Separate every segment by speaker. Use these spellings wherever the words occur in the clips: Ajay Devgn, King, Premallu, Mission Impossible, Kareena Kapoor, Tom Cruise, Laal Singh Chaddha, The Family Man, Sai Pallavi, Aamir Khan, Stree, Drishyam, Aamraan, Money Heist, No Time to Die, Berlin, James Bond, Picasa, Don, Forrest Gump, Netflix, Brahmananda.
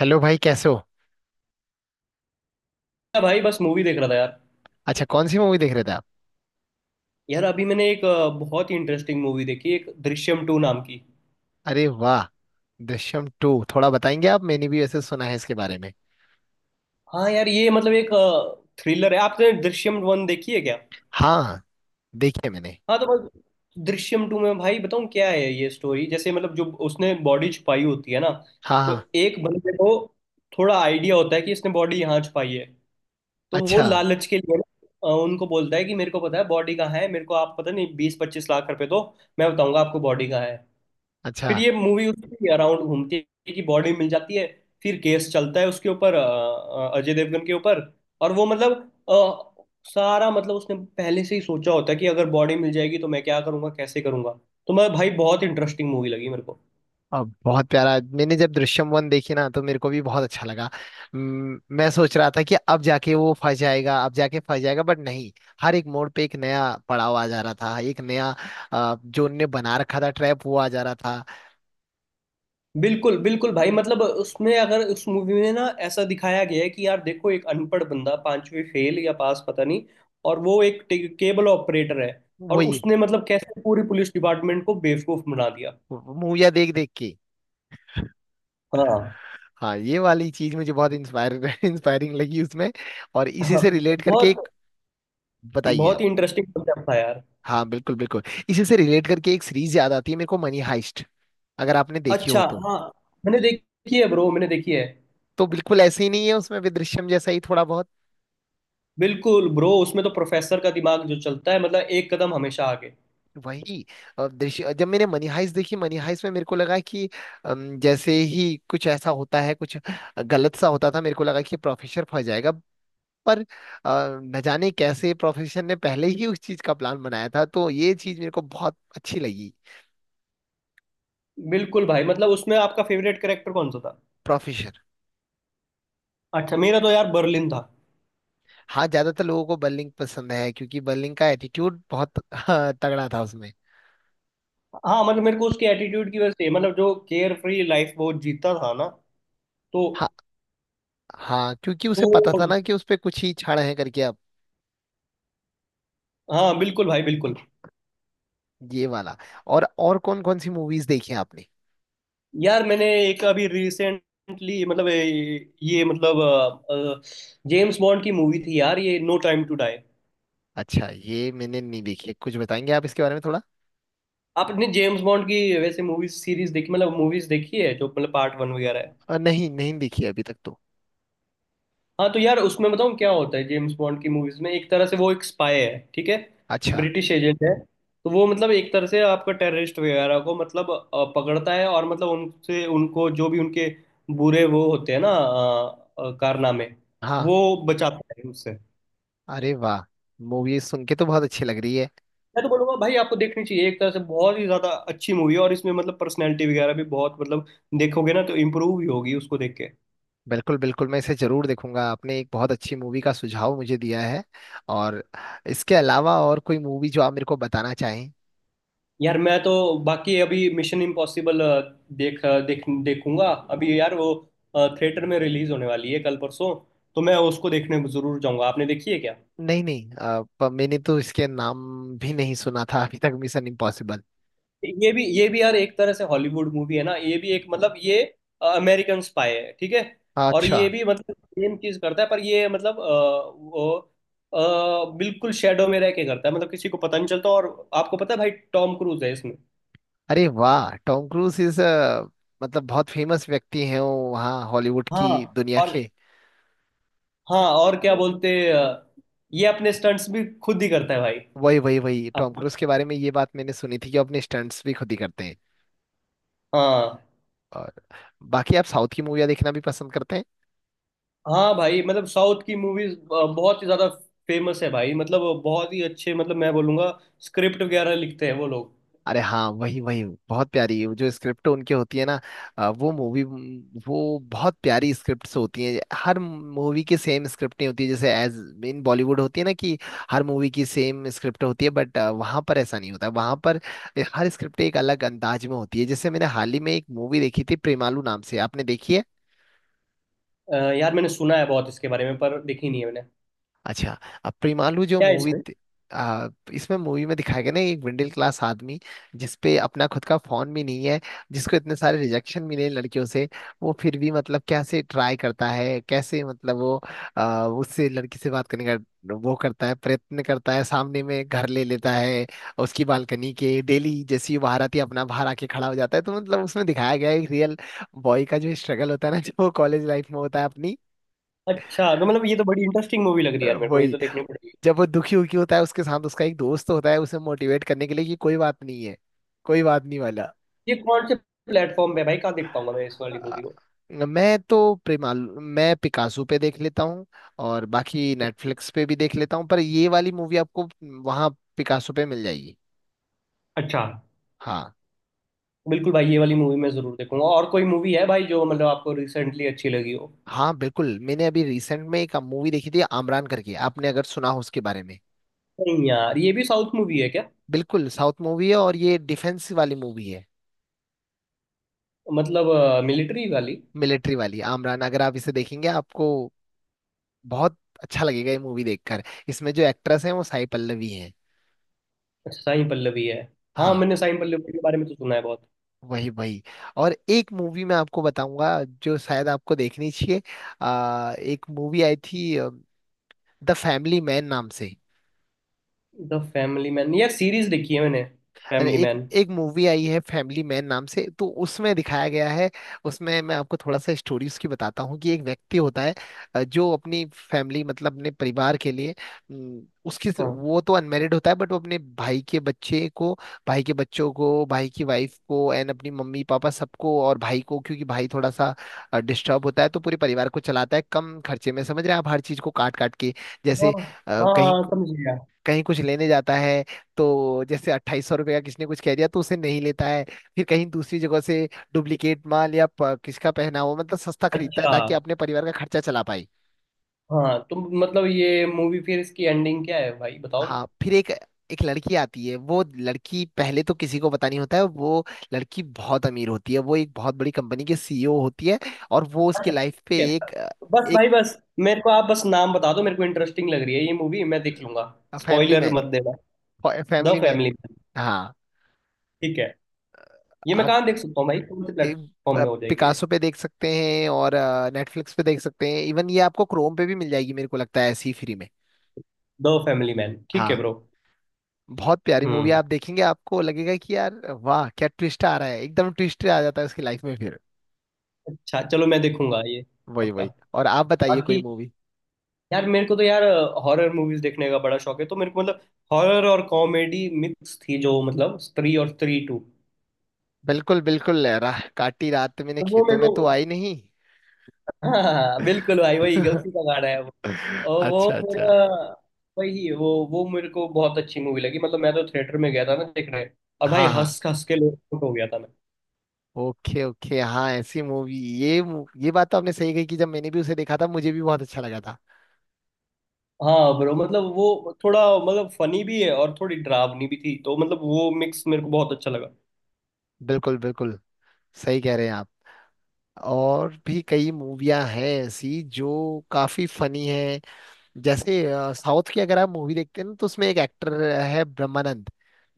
Speaker 1: Hello भाई, कैसे हो।
Speaker 2: हाँ भाई, बस मूवी देख रहा था यार।
Speaker 1: अच्छा, कौन सी मूवी देख रहे थे आप?
Speaker 2: यार, अभी मैंने एक बहुत ही इंटरेस्टिंग मूवी देखी, एक दृश्यम टू नाम की।
Speaker 1: अरे वाह। दृश्यम टू थोड़ा बताएंगे आप, मैंने भी वैसे सुना है इसके बारे में।
Speaker 2: हाँ यार, ये मतलब एक थ्रिलर है। आपने दृश्यम वन देखी है क्या?
Speaker 1: हाँ, देखी है मैंने।
Speaker 2: हाँ तो बस दृश्यम टू में, भाई बताऊँ क्या है ये स्टोरी। जैसे मतलब जो उसने बॉडी छुपाई होती है ना,
Speaker 1: हाँ
Speaker 2: तो
Speaker 1: हाँ।
Speaker 2: एक बंदे को थोड़ा आइडिया होता है कि इसने बॉडी यहाँ छुपाई है। तो वो
Speaker 1: अच्छा।
Speaker 2: लालच के लिए ना, उनको बोलता है कि मेरे को पता है बॉडी कहाँ है, मेरे को आप पता नहीं 20-25 लाख रुपए दो, मैं बताऊंगा आपको बॉडी कहाँ है। फिर
Speaker 1: अच्छा,
Speaker 2: ये मूवी उसके अराउंड घूमती है कि बॉडी मिल जाती है, फिर केस चलता है उसके ऊपर अजय देवगन के ऊपर। और वो मतलब अ, सारा मतलब उसने पहले से ही सोचा होता है कि अगर बॉडी मिल जाएगी तो मैं क्या करूंगा, कैसे करूंगा। तो मैं, भाई बहुत इंटरेस्टिंग मूवी लगी मेरे को।
Speaker 1: अब बहुत प्यारा। मैंने जब दृश्यम वन देखी ना तो मेरे को भी बहुत अच्छा लगा। मैं सोच रहा था कि अब जाके वो फंस जाएगा, अब जाके फंस जाएगा, बट नहीं। हर एक मोड़ पे एक नया पड़ाव आ जा रहा था, एक नया जो उनने बना रखा था ट्रैप वो आ जा रहा था।
Speaker 2: बिल्कुल बिल्कुल भाई, मतलब उसमें अगर उस मूवी में ना ऐसा दिखाया गया है कि यार देखो, एक अनपढ़ बंदा, पांचवी फेल या पास पता नहीं, और वो एक केबल ऑपरेटर है, और
Speaker 1: वही,
Speaker 2: उसने मतलब कैसे पूरी पुलिस डिपार्टमेंट को बेवकूफ बना दिया।
Speaker 1: मूवियाँ देख देख के।
Speaker 2: हाँ
Speaker 1: हाँ, ये वाली चीज मुझे बहुत इंस्पायर इंस्पायरिंग लगी उसमें। और इसी
Speaker 2: हाँ।
Speaker 1: से रिलेट करके
Speaker 2: बहुत,
Speaker 1: एक, बताइए
Speaker 2: बहुत
Speaker 1: आप।
Speaker 2: ही इंटरेस्टिंग कॉन्सेप्ट था यार।
Speaker 1: हाँ बिल्कुल बिल्कुल। इसी से रिलेट करके एक सीरीज याद आती है मेरे को, मनी हाइस्ट, अगर आपने देखी हो
Speaker 2: अच्छा।
Speaker 1: तो।
Speaker 2: हाँ मैंने देखी है ब्रो, मैंने देखी है।
Speaker 1: तो बिल्कुल ऐसे ही नहीं है, उसमें भी दृश्यम जैसा ही थोड़ा बहुत।
Speaker 2: बिल्कुल ब्रो, उसमें तो प्रोफेसर का दिमाग जो चलता है मतलब, एक कदम हमेशा आगे।
Speaker 1: वही। दृश्य, जब मैंने मनी हाइस्ट देखी, मनी हाइस्ट में मेरे को लगा कि जैसे ही कुछ ऐसा होता है, कुछ गलत सा होता था, मेरे को लगा कि प्रोफेसर फंस जाएगा। पर न जाने कैसे प्रोफेसर ने पहले ही उस चीज का प्लान बनाया था, तो ये चीज मेरे को बहुत अच्छी लगी।
Speaker 2: बिल्कुल भाई, मतलब उसमें आपका फेवरेट कैरेक्टर कौन सा था?
Speaker 1: प्रोफेसर।
Speaker 2: अच्छा, मेरा तो यार बर्लिन था।
Speaker 1: हाँ, ज्यादातर लोगों को बर्लिंग पसंद है, क्योंकि बर्लिंग का एटीट्यूड बहुत, हाँ, तगड़ा था उसमें।
Speaker 2: हाँ मतलब मेरे को उसके एटीट्यूड की वजह से, मतलब जो केयर फ्री लाइफ वो जीता था ना, तो
Speaker 1: हाँ। हाँ, क्योंकि
Speaker 2: तो
Speaker 1: उसे पता था ना कि उस पे कुछ ही छाड़ है करके अब।
Speaker 2: हाँ बिल्कुल भाई बिल्कुल।
Speaker 1: ये वाला, और कौन कौन सी मूवीज देखी हैं आपने?
Speaker 2: यार मैंने एक अभी रिसेंटली मतलब ये मतलब जेम्स बॉन्ड की मूवी थी यार, ये नो टाइम टू डाई।
Speaker 1: अच्छा, ये मैंने नहीं देखी है। कुछ बताएंगे आप इसके बारे में थोड़ा?
Speaker 2: आपने जेम्स बॉन्ड की वैसे मूवीज सीरीज देखी, मतलब मूवीज देखी है जो मतलब पार्ट वन वगैरह है?
Speaker 1: नहीं, नहीं देखी है अभी तक तो।
Speaker 2: हाँ तो यार, उसमें बताऊँ क्या होता है। जेम्स बॉन्ड की मूवीज में एक तरह से वो एक स्पाई है, ठीक है।
Speaker 1: अच्छा।
Speaker 2: ब्रिटिश एजेंट है। तो वो मतलब एक तरह से आपका टेररिस्ट वगैरह को मतलब पकड़ता है, और मतलब उनसे उनको जो भी उनके बुरे वो होते हैं ना कारनामे,
Speaker 1: हाँ।
Speaker 2: वो बचाता है उससे।
Speaker 1: अरे वाह, मूवी सुन के तो बहुत अच्छी लग रही है।
Speaker 2: मैं तो बोलूंगा भाई आपको देखनी चाहिए, एक तरह से बहुत ही ज्यादा अच्छी मूवी है, और इसमें मतलब पर्सनैलिटी वगैरह भी बहुत मतलब, देखोगे ना तो इम्प्रूव ही होगी उसको देख के।
Speaker 1: बिल्कुल बिल्कुल, मैं इसे जरूर देखूंगा। आपने एक बहुत अच्छी मूवी का सुझाव मुझे दिया है। और इसके अलावा और कोई मूवी जो आप मेरे को बताना चाहें?
Speaker 2: यार मैं तो बाकी अभी मिशन इम्पॉसिबल देख देख देखूंगा। अभी यार वो थिएटर में रिलीज होने वाली है कल परसों, तो मैं उसको देखने जरूर जाऊंगा। आपने देखी है क्या?
Speaker 1: नहीं नहीं, मैंने तो इसके नाम भी नहीं सुना था अभी तक, मिशन इम्पॉसिबल।
Speaker 2: ये भी यार एक तरह से हॉलीवुड मूवी है ना, ये भी एक मतलब, ये अमेरिकन स्पाई है ठीक है। और
Speaker 1: अच्छा।
Speaker 2: ये भी मतलब सेम चीज करता है, पर ये मतलब वो बिल्कुल शेडो में रह के करता है, मतलब किसी को पता नहीं चलता। और आपको पता है भाई, टॉम क्रूज है इसमें।
Speaker 1: अरे वाह, टॉम क्रूज इज, मतलब बहुत फेमस व्यक्ति हैं वो वहाँ हॉलीवुड की
Speaker 2: हाँ
Speaker 1: दुनिया
Speaker 2: और
Speaker 1: के।
Speaker 2: हाँ और क्या बोलते, ये अपने स्टंट्स भी खुद ही करता है भाई।
Speaker 1: वही वही वही,
Speaker 2: आप
Speaker 1: टॉम क्रूज के बारे में ये बात मैंने सुनी थी कि वो अपने स्टंट्स भी खुद ही करते हैं।
Speaker 2: हाँ।
Speaker 1: और बाकी आप साउथ की मूवियाँ देखना भी पसंद करते हैं?
Speaker 2: हाँ भाई, मतलब साउथ की मूवीज बहुत ही ज्यादा फेमस है भाई, मतलब बहुत ही अच्छे, मतलब मैं बोलूंगा स्क्रिप्ट वगैरह लिखते हैं वो लोग।
Speaker 1: अरे हाँ, वही वही। बहुत प्यारी है। वो जो स्क्रिप्ट उनकी होती है ना, वो मूवी, वो बहुत प्यारी स्क्रिप्ट्स होती हैं। हर मूवी की सेम स्क्रिप्ट नहीं होती है जैसे एज इन बॉलीवुड होती है ना कि हर मूवी की सेम स्क्रिप्ट होती है। बट वहाँ पर ऐसा नहीं होता, वहाँ पर हर स्क्रिप्ट एक अलग अंदाज में होती है। जैसे मैंने हाल ही में एक मूवी देखी थी प्रेमालू नाम से, आपने देखी है?
Speaker 2: यार मैंने सुना है बहुत इसके बारे में, पर देखी नहीं है मैंने।
Speaker 1: अच्छा, अब प्रेमालू जो
Speaker 2: क्या है
Speaker 1: मूवी,
Speaker 2: इसमें?
Speaker 1: आ, इसमें, मूवी में दिखाया गया ना, एक मिडिल क्लास आदमी, जिसपे अपना खुद का फोन भी नहीं है, जिसको इतने सारे रिजेक्शन मिले हैं लड़कियों से, वो फिर भी मतलब कैसे ट्राई करता है, कैसे मतलब वो उससे, लड़की से बात करने का वो करता है, प्रयत्न करता है, सामने में घर ले लेता है उसकी बालकनी के। डेली जैसी वो बाहर आती है अपना, बाहर आके खड़ा हो जाता है। तो मतलब उसमें दिखाया गया है एक रियल बॉय का जो स्ट्रगल होता है ना जो कॉलेज लाइफ में होता है अपनी।
Speaker 2: अच्छा, तो मतलब ये तो बड़ी इंटरेस्टिंग मूवी लग रही है यार मेरे को, ये
Speaker 1: वही,
Speaker 2: तो देखनी पड़ेगी।
Speaker 1: जब वो दुखी उखी होता है, उसके साथ उसका एक दोस्त होता है उसे मोटिवेट करने के लिए कि कोई बात नहीं है, कोई बात नहीं वाला।
Speaker 2: ये कौन से प्लेटफॉर्म पे है भाई, कहाँ देख पाऊंगा मैं इस वाली
Speaker 1: आ,
Speaker 2: मूवी को?
Speaker 1: मैं तो प्रेमाल मैं पिकासो पे देख लेता हूँ, और बाकी नेटफ्लिक्स पे भी देख लेता हूँ। पर ये वाली मूवी आपको वहाँ पिकासो पे मिल जाएगी।
Speaker 2: अच्छा।
Speaker 1: हाँ।
Speaker 2: बिल्कुल भाई, ये वाली मूवी मैं जरूर देखूंगा, और कोई मूवी है भाई जो मतलब आपको रिसेंटली अच्छी लगी हो?
Speaker 1: हाँ बिल्कुल, मैंने अभी रिसेंट में एक मूवी देखी थी, आमरान करके, आपने अगर सुना हो उसके बारे में।
Speaker 2: नहीं यार, ये भी साउथ मूवी है क्या?
Speaker 1: बिल्कुल साउथ मूवी है, और ये डिफेंस वाली मूवी है।
Speaker 2: मतलब मिलिट्री वाली?
Speaker 1: मिलिट्री वाली, आमरान, अगर आप इसे देखेंगे आपको बहुत अच्छा लगेगा ये मूवी देखकर। इसमें जो एक्ट्रेस हैं वो साई पल्लवी हैं।
Speaker 2: अच्छा, साई पल्लवी है। हाँ
Speaker 1: हाँ।
Speaker 2: मैंने साई पल्लवी के बारे में तो सुना है बहुत।
Speaker 1: वही वही, और एक मूवी मैं आपको बताऊंगा जो शायद आपको देखनी चाहिए। एक मूवी आई थी द फैमिली मैन नाम से।
Speaker 2: द फैमिली मैन, यार सीरीज देखी है मैंने
Speaker 1: अरे
Speaker 2: फैमिली
Speaker 1: एक,
Speaker 2: मैन।
Speaker 1: एक मूवी आई है फैमिली मैन नाम से, तो उसमें दिखाया गया है। उसमें मैं आपको थोड़ा सा स्टोरी उसकी बताता हूँ कि एक व्यक्ति होता है, जो अपनी फैमिली मतलब अपने परिवार के लिए, उसकी,
Speaker 2: हाँ
Speaker 1: वो तो अनमेरिड होता है, बट वो अपने भाई के बच्चे को, भाई के बच्चों को, भाई की वाइफ को, एंड अपनी मम्मी पापा सबको, और भाई को, क्योंकि भाई थोड़ा सा डिस्टर्ब होता है, तो पूरे परिवार को चलाता है कम खर्चे में। समझ रहे हैं आप, हर चीज को काट काट के, जैसे
Speaker 2: हाँ।
Speaker 1: कहीं,
Speaker 2: हाँ समझ गया।
Speaker 1: कहीं कुछ लेने जाता है तो जैसे अट्ठाईस सौ रुपये का किसने कुछ कह दिया तो उसे नहीं लेता है, फिर कहीं दूसरी जगह से डुप्लीकेट माल या किसका पहना हो, मतलब सस्ता खरीदता है
Speaker 2: अच्छा।
Speaker 1: ताकि अपने परिवार का खर्चा चला पाए।
Speaker 2: हाँ तो मतलब ये मूवी, फिर इसकी एंडिंग क्या है भाई बताओगे?
Speaker 1: हाँ, फिर एक, एक लड़की आती है। वो लड़की पहले तो किसी को पता नहीं होता है, वो लड़की बहुत अमीर होती है, वो एक बहुत बड़ी कंपनी की सीईओ होती है, और वो उसकी
Speaker 2: अच्छा
Speaker 1: लाइफ पे
Speaker 2: ठीक है,
Speaker 1: एक,
Speaker 2: बस
Speaker 1: एक,
Speaker 2: भाई बस। मेरे को आप बस नाम बता दो, मेरे को इंटरेस्टिंग लग रही है ये मूवी, मैं देख लूंगा।
Speaker 1: फैमिली
Speaker 2: स्पॉइलर
Speaker 1: मैन,
Speaker 2: मत देना। The
Speaker 1: Family Man.
Speaker 2: Family Man.
Speaker 1: हाँ।
Speaker 2: ठीक है। ये मैं
Speaker 1: आप
Speaker 2: कहाँ देख सकता हूँ भाई, कौन से प्लेटफॉर्म
Speaker 1: एक
Speaker 2: में हो जाएगी ये?
Speaker 1: पिकासो पे देख सकते हैं, और नेटफ्लिक्स पे देख सकते हैं, इवन ये आपको क्रोम पे भी मिल जाएगी मेरे को लगता है ऐसी, फ्री में।
Speaker 2: दो फैमिली मैन, ठीक है
Speaker 1: हाँ।
Speaker 2: ब्रो।
Speaker 1: बहुत प्यारी मूवी,
Speaker 2: हम्म।
Speaker 1: आप देखेंगे आपको लगेगा कि यार वाह क्या ट्विस्ट आ रहा है, एकदम ट्विस्ट आ जाता है उसकी लाइफ में फिर।
Speaker 2: अच्छा चलो, मैं देखूंगा ये।
Speaker 1: वही
Speaker 2: पक्का।
Speaker 1: वही, और आप बताइए कोई
Speaker 2: बाकी
Speaker 1: मूवी।
Speaker 2: यार, मेरे को तो यार हॉरर मूवीज देखने का बड़ा शौक है, तो मेरे को मतलब हॉरर और कॉमेडी मिक्स थी जो मतलब, स्त्री और स्त्री टू।
Speaker 1: बिल्कुल बिल्कुल, राह काटी रात मैंने
Speaker 2: तो वो
Speaker 1: खेतों
Speaker 2: मेरे
Speaker 1: में, तो
Speaker 2: को
Speaker 1: आई नहीं
Speaker 2: हाँ हाँ, हाँ, बिल्कुल भाई, वही गलती का गाना है वो। और वो
Speaker 1: अच्छा अच्छा।
Speaker 2: मेरा वही वो मेरे को बहुत अच्छी मूवी लगी, मतलब मैं तो थिएटर में गया था ना देखने, और भाई
Speaker 1: हाँ हाँ,
Speaker 2: हंस हंस के लोट हो गया था मैं।
Speaker 1: ओके ओके, हाँ ऐसी मूवी। ये बात तो आपने सही कही कि जब मैंने भी उसे देखा था, मुझे भी बहुत अच्छा लगा था।
Speaker 2: हाँ ब्रो, मतलब वो थोड़ा मतलब फनी भी है और थोड़ी डरावनी भी थी, तो मतलब वो मिक्स मेरे को बहुत अच्छा लगा।
Speaker 1: बिल्कुल बिल्कुल, सही कह रहे हैं आप। और भी कई मूवियां हैं ऐसी जो काफी फनी हैं, जैसे साउथ की, अगर आप मूवी देखते हैं ना तो उसमें एक एक्टर है ब्रह्मानंद,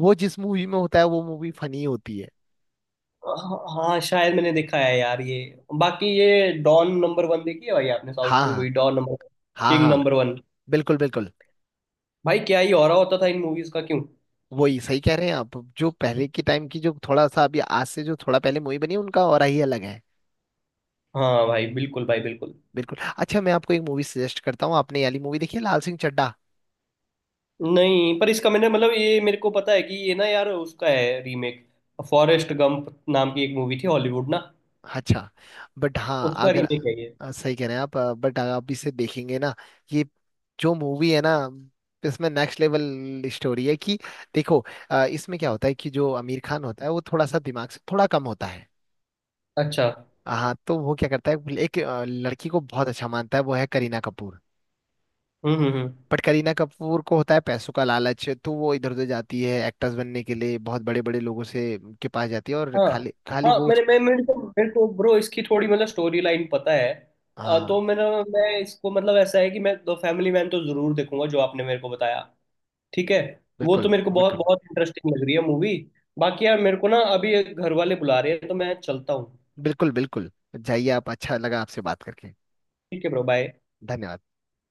Speaker 1: वो जिस मूवी में होता है वो मूवी फनी होती है।
Speaker 2: हाँ शायद मैंने देखा है यार ये। बाकी ये डॉन नंबर वन देखी है भाई आपने? साउथ
Speaker 1: हाँ
Speaker 2: की
Speaker 1: हाँ।
Speaker 2: मूवी डॉन नंबर,
Speaker 1: हाँ
Speaker 2: किंग
Speaker 1: हाँ।
Speaker 2: नंबर वन,
Speaker 1: बिल्कुल बिल्कुल।
Speaker 2: भाई क्या ही हो रहा होता था इन मूवीज का क्यों।
Speaker 1: वही, सही कह रहे हैं आप, जो पहले के टाइम की, जो थोड़ा सा अभी आज से जो थोड़ा पहले मूवी बनी है उनका और ही अलग है।
Speaker 2: हाँ भाई बिल्कुल भाई बिल्कुल।
Speaker 1: बिल्कुल। अच्छा, मैं आपको एक मूवी सजेस्ट करता हूँ, आपने ये वाली मूवी देखी है, लाल सिंह चड्ढा?
Speaker 2: नहीं पर इसका मैंने मतलब, ये मेरे को पता है कि ये ना यार उसका है रीमेक, फॉरेस्ट गंप नाम की एक मूवी थी हॉलीवुड ना,
Speaker 1: अच्छा, बट हाँ
Speaker 2: उसका
Speaker 1: अगर,
Speaker 2: रीमेक है ये।
Speaker 1: सही कह रहे हैं आप, बट आप इसे देखेंगे ना, ये जो मूवी है ना, इसमें नेक्स्ट लेवल स्टोरी है कि, देखो, इसमें क्या होता है कि जो आमिर खान होता है वो थोड़ा सा दिमाग से थोड़ा कम होता है।
Speaker 2: अच्छा।
Speaker 1: हाँ तो वो क्या करता है, एक लड़की को बहुत अच्छा मानता है, वो है करीना कपूर।
Speaker 2: हम्म।
Speaker 1: बट करीना कपूर को होता है पैसों का लालच, तो वो इधर उधर जाती है एक्टर्स बनने के लिए, बहुत बड़े बड़े लोगों से, के पास जाती है और
Speaker 2: हाँ
Speaker 1: खाली खाली
Speaker 2: हाँ
Speaker 1: वो उस,
Speaker 2: मैंने मैं मेरे को ब्रो इसकी थोड़ी मतलब स्टोरी लाइन पता है। तो
Speaker 1: हाँ
Speaker 2: मेरा, मैं इसको मतलब ऐसा है कि मैं द फैमिली मैन तो जरूर देखूंगा जो आपने मेरे को बताया। ठीक है। वो तो
Speaker 1: बिल्कुल
Speaker 2: मेरे को बहुत
Speaker 1: बिल्कुल।
Speaker 2: बहुत इंटरेस्टिंग लग रही है मूवी। बाकी यार मेरे को ना, अभी घर वाले बुला रहे हैं तो मैं चलता हूँ।
Speaker 1: बिल्कुल बिल्कुल, जाइए आप, अच्छा लगा आपसे बात करके।
Speaker 2: ठीक है ब्रो, बाय।
Speaker 1: धन्यवाद।